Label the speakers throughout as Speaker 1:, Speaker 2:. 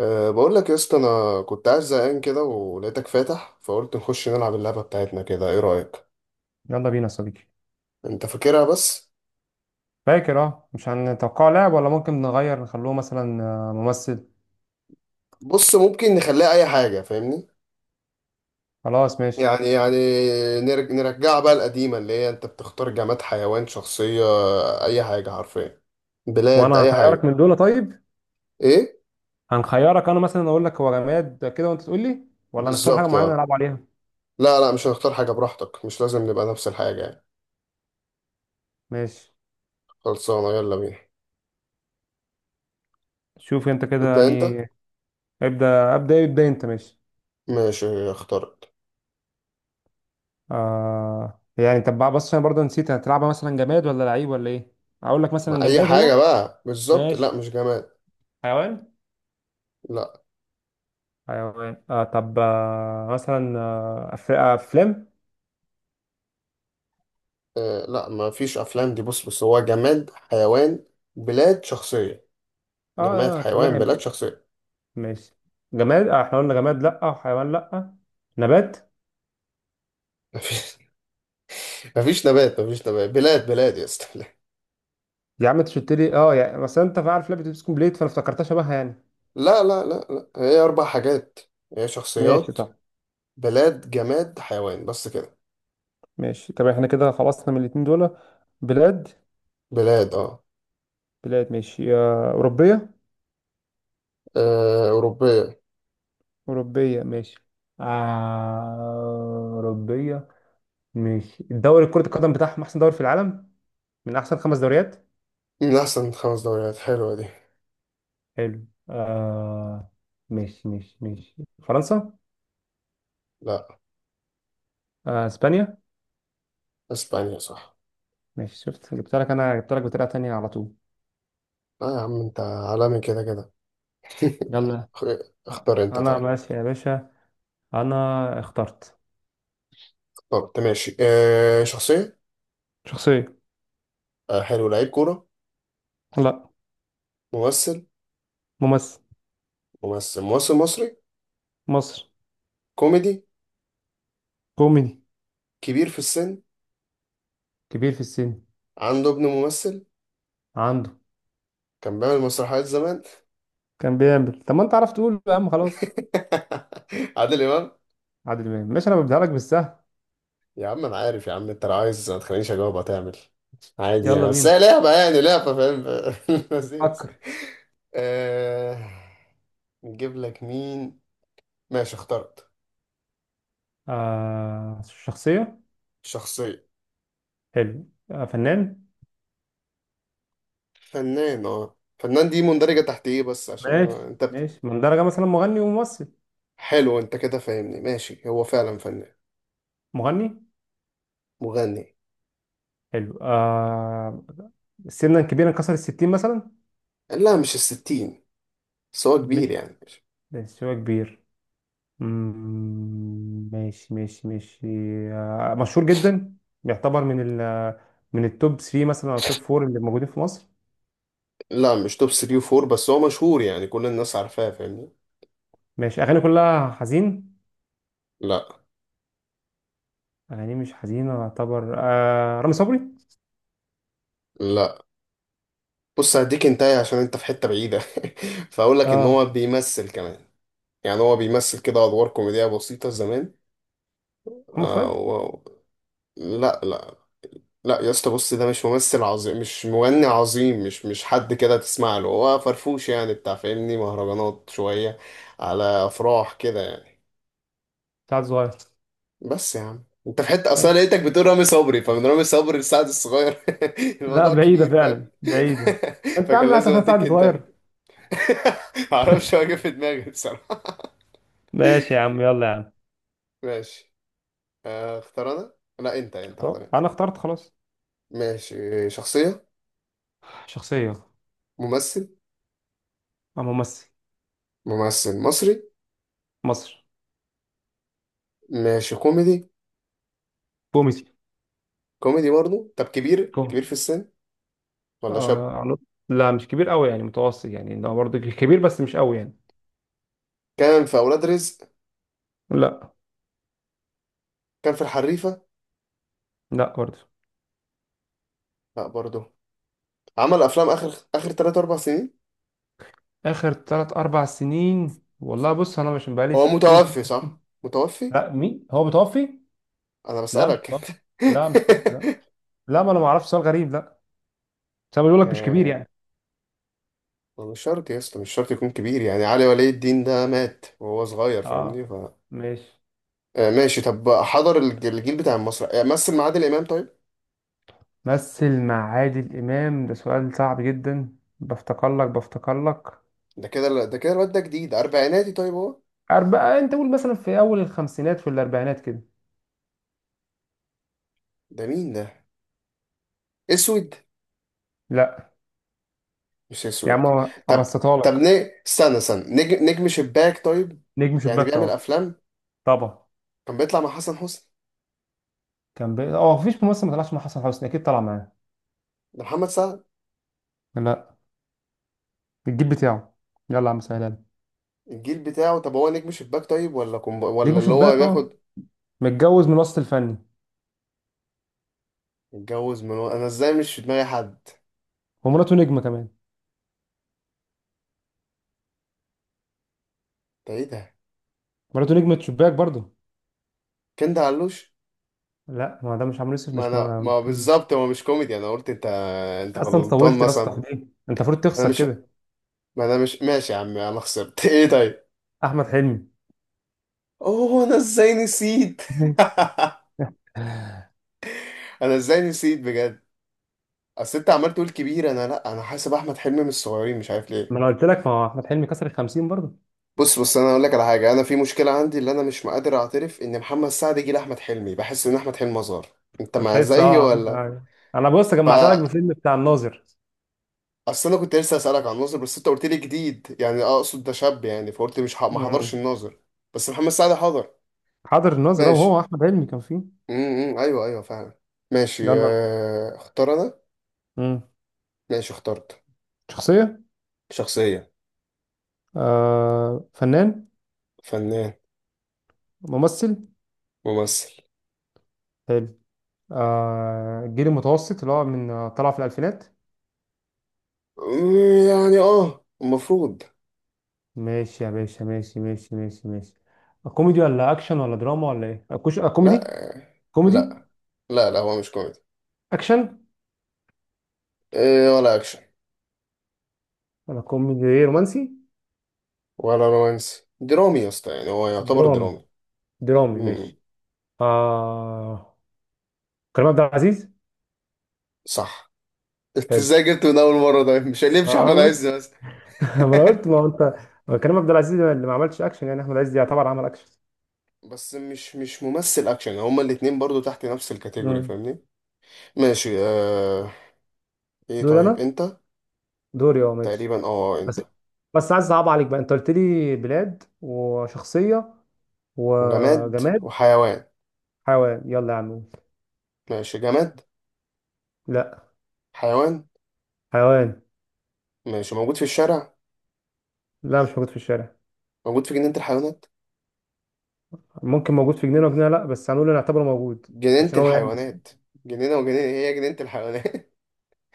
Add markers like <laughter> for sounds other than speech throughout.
Speaker 1: بقول لك يا اسطى، انا كنت قاعد زهقان كده ولقيتك فاتح، فقلت نخش نلعب اللعبه بتاعتنا كده. ايه رايك؟
Speaker 2: يلا بينا يا صديقي.
Speaker 1: انت فاكرها بس.
Speaker 2: فاكر، اه مش هنتوقع لاعب؟ ولا ممكن نغير نخلوه مثلا ممثل.
Speaker 1: بص، ممكن نخليها اي حاجه، فاهمني؟
Speaker 2: خلاص ماشي.
Speaker 1: يعني نرجعها بقى القديمه، اللي هي انت بتختار جماد، حيوان، شخصيه، اي حاجه حرفيا، بلاد،
Speaker 2: وانا
Speaker 1: اي
Speaker 2: هخيرك
Speaker 1: حاجه.
Speaker 2: من دول طيب.
Speaker 1: ايه؟
Speaker 2: هنخيرك، انا مثلا اقول لك هو جماد كده وانت تقول لي، ولا هنختار حاجه
Speaker 1: بالظبط
Speaker 2: معينه
Speaker 1: اه.
Speaker 2: نلعب عليها؟
Speaker 1: لا لا، مش هنختار حاجه، براحتك، مش لازم نبقى نفس الحاجه يعني.
Speaker 2: ماشي.
Speaker 1: خلصانه، يلا بينا.
Speaker 2: شوف انت كده
Speaker 1: تبدا انت.
Speaker 2: يعني. ابدا ابدا ابدا، انت ماشي.
Speaker 1: ماشي اخترت.
Speaker 2: يعني طب بقى، بص انا برضه نسيت، هتلعبها مثلا جماد ولا لعيب ولا ايه؟ اقول لك مثلا
Speaker 1: ما اي
Speaker 2: جماد هو.
Speaker 1: حاجه بقى بالظبط. لا،
Speaker 2: ماشي.
Speaker 1: مش جماد.
Speaker 2: حيوان.
Speaker 1: لا.
Speaker 2: حيوان، آه طب آه مثلا آه أف- آه، افلام.
Speaker 1: آه لا، ما فيش افلام. دي بص هو جماد، حيوان، بلاد، شخصية. جماد،
Speaker 2: اه،
Speaker 1: حيوان،
Speaker 2: تمام
Speaker 1: بلاد،
Speaker 2: ماشي.
Speaker 1: شخصية.
Speaker 2: ماشي. جماد، احنا قلنا جماد لا، حيوان لا، نبات.
Speaker 1: <laughs> ما فيش. ما فيش نبات، ما فيش نبات، بلاد يا اسطى. <laughs>
Speaker 2: يا عم انت شلت لي، اه يعني مثلا انت عارف لعبه اتوبيس كومبليت، فانا افتكرتها شبهها يعني.
Speaker 1: لا لا لا لا لا. هي اربع حاجات. هي
Speaker 2: ماشي
Speaker 1: شخصيات،
Speaker 2: صح.
Speaker 1: بلاد، جماد، حيوان، بس كده.
Speaker 2: ماشي، طب احنا كده خلصنا من الاتنين دول. بلاد.
Speaker 1: بلاد اه.
Speaker 2: بلاد ماشي، اوروبيه.
Speaker 1: آه، أوروبية.
Speaker 2: اوروبيه ماشي. أوروبية. ماشي، الدوري كرة القدم بتاعهم أحسن دوري في العالم، من أحسن خمس دوريات.
Speaker 1: من أحسن خمس دوريات، حلوة دي.
Speaker 2: حلو. آه. ماشي ماشي ماشي. فرنسا.
Speaker 1: لا.
Speaker 2: إسبانيا.
Speaker 1: إسبانيا صح.
Speaker 2: ماشي، شفت جبت لك؟ أنا جبت لك بطريقة تانية على طول.
Speaker 1: لا يا عم، أنت عالمي كده كده. <laughs>
Speaker 2: يلا.
Speaker 1: اخ- اختار أنت
Speaker 2: انا
Speaker 1: طيب.
Speaker 2: ماشي يا باشا. انا اخترت.
Speaker 1: اخترت ماشي. آه شخصية.
Speaker 2: شخصية.
Speaker 1: آه حلو، لعيب كورة.
Speaker 2: لا.
Speaker 1: ممثل.
Speaker 2: ممثل.
Speaker 1: ممثل. ممثل مصري.
Speaker 2: مصر.
Speaker 1: كوميدي.
Speaker 2: كوميدي.
Speaker 1: كبير في السن.
Speaker 2: كبير في السن.
Speaker 1: عنده ابن ممثل.
Speaker 2: عنده.
Speaker 1: كان بيعمل مسرحيات زمان.
Speaker 2: كان بيعمل. طب ما انت عرفت تقول يا عم، خلاص.
Speaker 1: <laughs> عادل امام.
Speaker 2: عادل امام. ماشي، انا ببدأ لك بالسهل.
Speaker 1: يا عم انا عارف يا عم، انت لو عايز ما تخلينيش اجاوب هتعمل. عادي
Speaker 2: يلا
Speaker 1: يعني، بس
Speaker 2: بينا.
Speaker 1: هي لعبه يعني، لعبه، فاهم؟ <laughs> لذيذ.
Speaker 2: فكر.
Speaker 1: آه، نجيب لك مين. ماشي اخترت.
Speaker 2: شخصية.
Speaker 1: شخصية.
Speaker 2: حلو، فنان.
Speaker 1: فنان. اه، فنان دي مندرجة تحت ايه؟ بس عشان
Speaker 2: ماشي
Speaker 1: أنا... انت بت...
Speaker 2: ماشي، من درجة مثلا مغني وممثل.
Speaker 1: حلو، انت كده فاهمني. ماشي، هو فعلا فنان.
Speaker 2: مغني.
Speaker 1: مغني.
Speaker 2: حلو آه. سنا كبيرا، كسر الستين مثلا.
Speaker 1: لا مش الستين، بس هو
Speaker 2: مش.
Speaker 1: كبير يعني.
Speaker 2: بس هو كبير. ماشي ماشي ماشي. مشهور جدا. بيعتبر من من التوب 3 مثلا او التوب 4 اللي موجودين في مصر.
Speaker 1: لا مش توب 3 و4، بس هو مشهور يعني، كل الناس عارفاه، فاهمني.
Speaker 2: ماشي. اغاني كلها حزين.
Speaker 1: لا.
Speaker 2: اغاني مش حزينه يعتبر، رامي صبري.
Speaker 1: لا، بص هديك انتهي، عشان انت في حتة بعيدة. <laughs> فاقول لك ان
Speaker 2: اه.
Speaker 1: هو بيمثل كمان. يعني هو بيمثل كده ادوار كوميدية بسيطة زمان.
Speaker 2: محمد
Speaker 1: آه
Speaker 2: فؤاد.
Speaker 1: و... لا لا. لا يا اسطى، بص، ده مش ممثل عظيم، مش مغني عظيم، مش حد كده تسمع له، هو فرفوش يعني، بتاع فاهمني، مهرجانات شوية، على افراح كده يعني.
Speaker 2: سعد صغير.
Speaker 1: بس يا عم انت في حته، اصلا
Speaker 2: ماشي.
Speaker 1: لقيتك بتقول رامي صبري، فمن رامي صبري لسعد الصغير. <laughs>
Speaker 2: لا،
Speaker 1: الموضوع
Speaker 2: بعيدة
Speaker 1: كبير، فاهم؟
Speaker 2: فعلا بعيدة.
Speaker 1: <laughs>
Speaker 2: انت
Speaker 1: فكان
Speaker 2: عامل حتى
Speaker 1: لازم
Speaker 2: أساساً
Speaker 1: اديك
Speaker 2: سعد
Speaker 1: انت.
Speaker 2: صغير.
Speaker 1: <laughs> معرفش، هو جه في دماغي بصراحه.
Speaker 2: ماشي يا عم، يلا يا عم.
Speaker 1: ماشي، آه، اختار انا. لا انت، اختار
Speaker 2: اختار.
Speaker 1: انت.
Speaker 2: انا اخترت خلاص.
Speaker 1: ماشي شخصيه.
Speaker 2: شخصيه.
Speaker 1: ممثل.
Speaker 2: او ممثل.
Speaker 1: ممثل مصري.
Speaker 2: مصر.
Speaker 1: ماشي كوميدي.
Speaker 2: كوميدي.
Speaker 1: كوميدي برضه. طب كبير، كبير في السن ولا شاب؟
Speaker 2: آه على- لا مش كبير قوي يعني، متوسط يعني. ده برضه كبير بس مش قوي يعني.
Speaker 1: كان في اولاد رزق.
Speaker 2: لا.
Speaker 1: كان في الحريفه.
Speaker 2: لا برضه.
Speaker 1: لا برضه. عمل افلام اخر 3 4 سنين.
Speaker 2: اخر ثلاث اربع سنين، والله بص انا مش بقالي
Speaker 1: هو
Speaker 2: كتير،
Speaker 1: متوفي؟ صح متوفي.
Speaker 2: لا مين هو متوفي؟
Speaker 1: انا
Speaker 2: لا مش
Speaker 1: بسألك. <laughs>
Speaker 2: متوفي. لا
Speaker 1: انت
Speaker 2: مش متوفي لا. لا، ما انا ما اعرفش، سؤال غريب، لا. بس أنا بقول لك مش كبير
Speaker 1: آه،
Speaker 2: يعني.
Speaker 1: مش شرط يا اسطى، مش شرط يكون كبير يعني. علي ولي الدين ده مات وهو صغير فاهمني.
Speaker 2: اه.
Speaker 1: ف
Speaker 2: ماشي.
Speaker 1: آه، ماشي. طب حضر الجيل بتاع مصر؟ آه، مثل مع عادل امام طيب.
Speaker 2: مثل مع عادل امام؟ ده سؤال صعب جدا، بفتكر لك.
Speaker 1: ده كده، ده كده. الواد ده جديد، اربعيناتي طيب هو.
Speaker 2: أربعة. أنت قول مثلا في أول الخمسينات، في الأربعينات كده.
Speaker 1: ده مين ده؟ اسود؟
Speaker 2: لا.
Speaker 1: مش
Speaker 2: يا
Speaker 1: اسود.
Speaker 2: عم
Speaker 1: طب.
Speaker 2: أبسطها
Speaker 1: طب
Speaker 2: لك.
Speaker 1: ن... استنى نجم، شباك طيب؟
Speaker 2: نجم
Speaker 1: يعني
Speaker 2: شباك
Speaker 1: بيعمل
Speaker 2: طبعا.
Speaker 1: افلام.
Speaker 2: طبعا.
Speaker 1: كان بيطلع مع حسن حسني.
Speaker 2: كان بي... اه مفيش ممثل ما طلعش مع حسن حسني، اكيد طلع معاه.
Speaker 1: ده محمد سعد.
Speaker 2: لا. الجيل بتاعه. يلا يا عم سهلها لي.
Speaker 1: الجيل بتاعه. طب هو نجم شباك طيب، ولا كومب... ولا
Speaker 2: نجم
Speaker 1: اللي هو
Speaker 2: شباك اه.
Speaker 1: بياخد.
Speaker 2: متجوز من وسط الفني.
Speaker 1: اتجوز انا ازاي مش في دماغي حد.
Speaker 2: ومراته نجمه كمان.
Speaker 1: ده ايه ده؟
Speaker 2: مراته نجمه شباك برضه.
Speaker 1: كنت علوش.
Speaker 2: لا، ما ده مش عمرو يوسف،
Speaker 1: ما
Speaker 2: مش م...
Speaker 1: انا ما
Speaker 2: مش-
Speaker 1: بالظبط، هو مش كوميدي انا قلت انت. انت
Speaker 2: اصلا انت
Speaker 1: غلطان
Speaker 2: طولت يا اسطى
Speaker 1: مثلا.
Speaker 2: ليه؟ انت المفروض
Speaker 1: انا
Speaker 2: تخسر
Speaker 1: مش
Speaker 2: كده.
Speaker 1: ما انا مش ماشي يا عم، انا خسرت. <laughs> ايه طيب؟
Speaker 2: احمد حلمي.
Speaker 1: اوه، انا ازاي نسيت.
Speaker 2: <laughs>
Speaker 1: <laughs> انا ازاي نسيت بجد. اصل انت عمال تقول كبير، انا لا، انا حاسب احمد حلمي من الصغيرين، مش عارف
Speaker 2: ما
Speaker 1: ليه.
Speaker 2: انا قلت لك، ما هو احمد حلمي كسر ال 50 برضه.
Speaker 1: بص انا اقول لك على حاجه، انا في مشكله عندي، اللي انا مش قادر اعترف ان محمد سعد جه لاحمد حلمي، بحس ان احمد حلمي اصغر. انت
Speaker 2: ما
Speaker 1: مع
Speaker 2: تحس
Speaker 1: زيي ولا؟
Speaker 2: اه. انا بص
Speaker 1: ف
Speaker 2: جمعت لك بفيلم بتاع الناظر.
Speaker 1: اصل انا كنت لسه اسالك عن الناظر، بس انت قلت لي جديد يعني اقصد، ده شاب يعني، فقلت مش ح... ما حضرش
Speaker 2: امم.
Speaker 1: الناظر. بس محمد سعد حضر.
Speaker 2: حاضر الناظر اه، هو
Speaker 1: ماشي.
Speaker 2: احمد حلمي كان فيه.
Speaker 1: امم، ايوه ايوه فعلا. ماشي،
Speaker 2: يلا انت.
Speaker 1: آه، اختار انا.
Speaker 2: امم.
Speaker 1: ماشي اخترت.
Speaker 2: شخصيه.
Speaker 1: شخصية.
Speaker 2: فنان.
Speaker 1: فنان.
Speaker 2: ممثل.
Speaker 1: ممثل.
Speaker 2: حلو، الجيل المتوسط اللي هو من طلع في الألفينات.
Speaker 1: أمم، يعني اه المفروض.
Speaker 2: ماشي يا باشا، ماشي ماشي ماشي ماشي. كوميدي ولا أكشن ولا دراما ولا إيه؟ أكوش آه،
Speaker 1: لا
Speaker 2: كوميدي. كوميدي.
Speaker 1: لا. لا لا، هو مش كوميدي.
Speaker 2: أكشن
Speaker 1: آه، ولا اكشن،
Speaker 2: ولا كوميدي إيه، رومانسي؟
Speaker 1: ولا رومانس، درامي يا اسطى، يعني هو يعتبر
Speaker 2: درامي.
Speaker 1: درامي.
Speaker 2: درامي
Speaker 1: امم.
Speaker 2: ماشي. آه. كريم عبد العزيز.
Speaker 1: صح. <laughs> انت
Speaker 2: حلو.
Speaker 1: ازاي جبته من اول مرة؟ ده مش هيمشي
Speaker 2: آه
Speaker 1: احمد عز
Speaker 2: أنا-
Speaker 1: بس.
Speaker 2: <laughs> ما أنا قلت،
Speaker 1: <laughs>
Speaker 2: ما هو أنت. ما كريم عبد العزيز اللي ما عملش أكشن يعني، أحمد عز يعتبر عمل أكشن.
Speaker 1: بس مش ممثل اكشن، هما الاتنين برضو تحت نفس الكاتيجوري
Speaker 2: مم.
Speaker 1: فاهمني. ماشي. آه... ايه
Speaker 2: دوري
Speaker 1: طيب
Speaker 2: أنا.
Speaker 1: انت؟
Speaker 2: دوري أه ماشي.
Speaker 1: تقريبا اه انت.
Speaker 2: بس. عايز اصعب عليك بقى. انت قلت لي بلاد وشخصية
Speaker 1: وجماد،
Speaker 2: وجماد.
Speaker 1: وحيوان.
Speaker 2: حيوان. يلا يا عم.
Speaker 1: ماشي جماد.
Speaker 2: لا.
Speaker 1: حيوان.
Speaker 2: حيوان.
Speaker 1: ماشي، موجود في الشارع؟
Speaker 2: لا مش موجود في الشارع.
Speaker 1: موجود في جنينة الحيوانات؟
Speaker 2: ممكن موجود في جنينة وجنينة لا، بس هنقول نعتبره موجود.
Speaker 1: جنينة
Speaker 2: عشان هو يعني بس.
Speaker 1: الحيوانات. جنينة وجنينة، هي جنينة الحيوانات.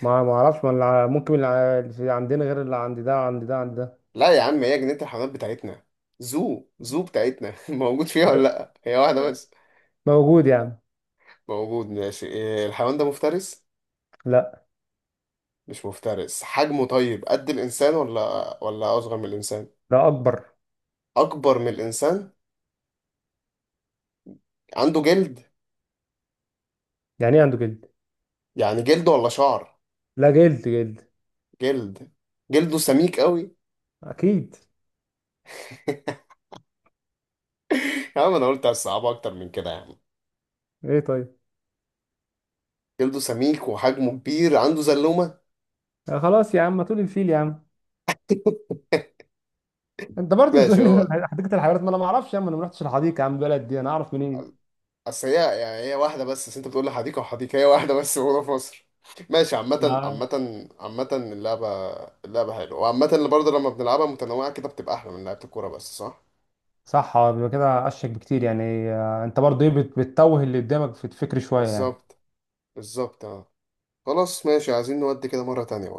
Speaker 2: ما اعرفش، ما اللي ع- ممكن اللي ع- اللي عندنا غير اللي عند ده عند ده عند ده.
Speaker 1: <laughs> لا يا عم، هي جنينة الحيوانات بتاعتنا، زو زو بتاعتنا. <laughs> موجود فيها ولا لا؟ هي واحدة بس.
Speaker 2: لا موجود يا عم.
Speaker 1: موجود ماشي. إيه الحيوان ده، مفترس؟
Speaker 2: لا
Speaker 1: مش مفترس. حجمه طيب قد الإنسان ولا أصغر من الإنسان؟
Speaker 2: ده اكبر.
Speaker 1: اكبر من الانسان. عنده جلد؟
Speaker 2: يعني ايه عنده جلد؟
Speaker 1: يعني جلد ولا شعر.
Speaker 2: لا، جلد جلد.
Speaker 1: جلد. جلده سميك قوي.
Speaker 2: اكيد.
Speaker 1: <laughs> يا عم انا قلت هتصعبها اكتر من كده يعني.
Speaker 2: ايه طيب.
Speaker 1: جلده سميك وحجمه كبير، عنده زلومه.
Speaker 2: آه خلاص يا عم، ما تقول الفيل يا عم. انت برضه بتقول
Speaker 1: ماشي
Speaker 2: لي
Speaker 1: هو.
Speaker 2: <laughs> حديقه الحيوانات، ما انا ما اعرفش يا عم، انا ما رحتش الحديقه يا عم، البلد دي انا اعرف منين؟
Speaker 1: اصل هي، يعني هي واحده بس، أصل انت بتقول لي حديقه وحديقه، هي واحده بس موجوده في مصر. ماشي، عامة،
Speaker 2: ما
Speaker 1: عامة، عامة اللعبة. اللعبة حلوة، وعامة اللي برضه لما بنلعبها متنوعة كده، بتبقى أحلى من لعبة الكورة بس، صح؟
Speaker 2: صح، هو بيبقى كده اشك بكتير يعني. انت برضه ايه بتتوه اللي قدامك في الفكر شويه يعني.
Speaker 1: بالظبط. بالظبط اه. خلاص ماشي، عايزين نودي كده مرة تانية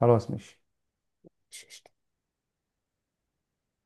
Speaker 2: خلاص ماشي.
Speaker 1: بقى.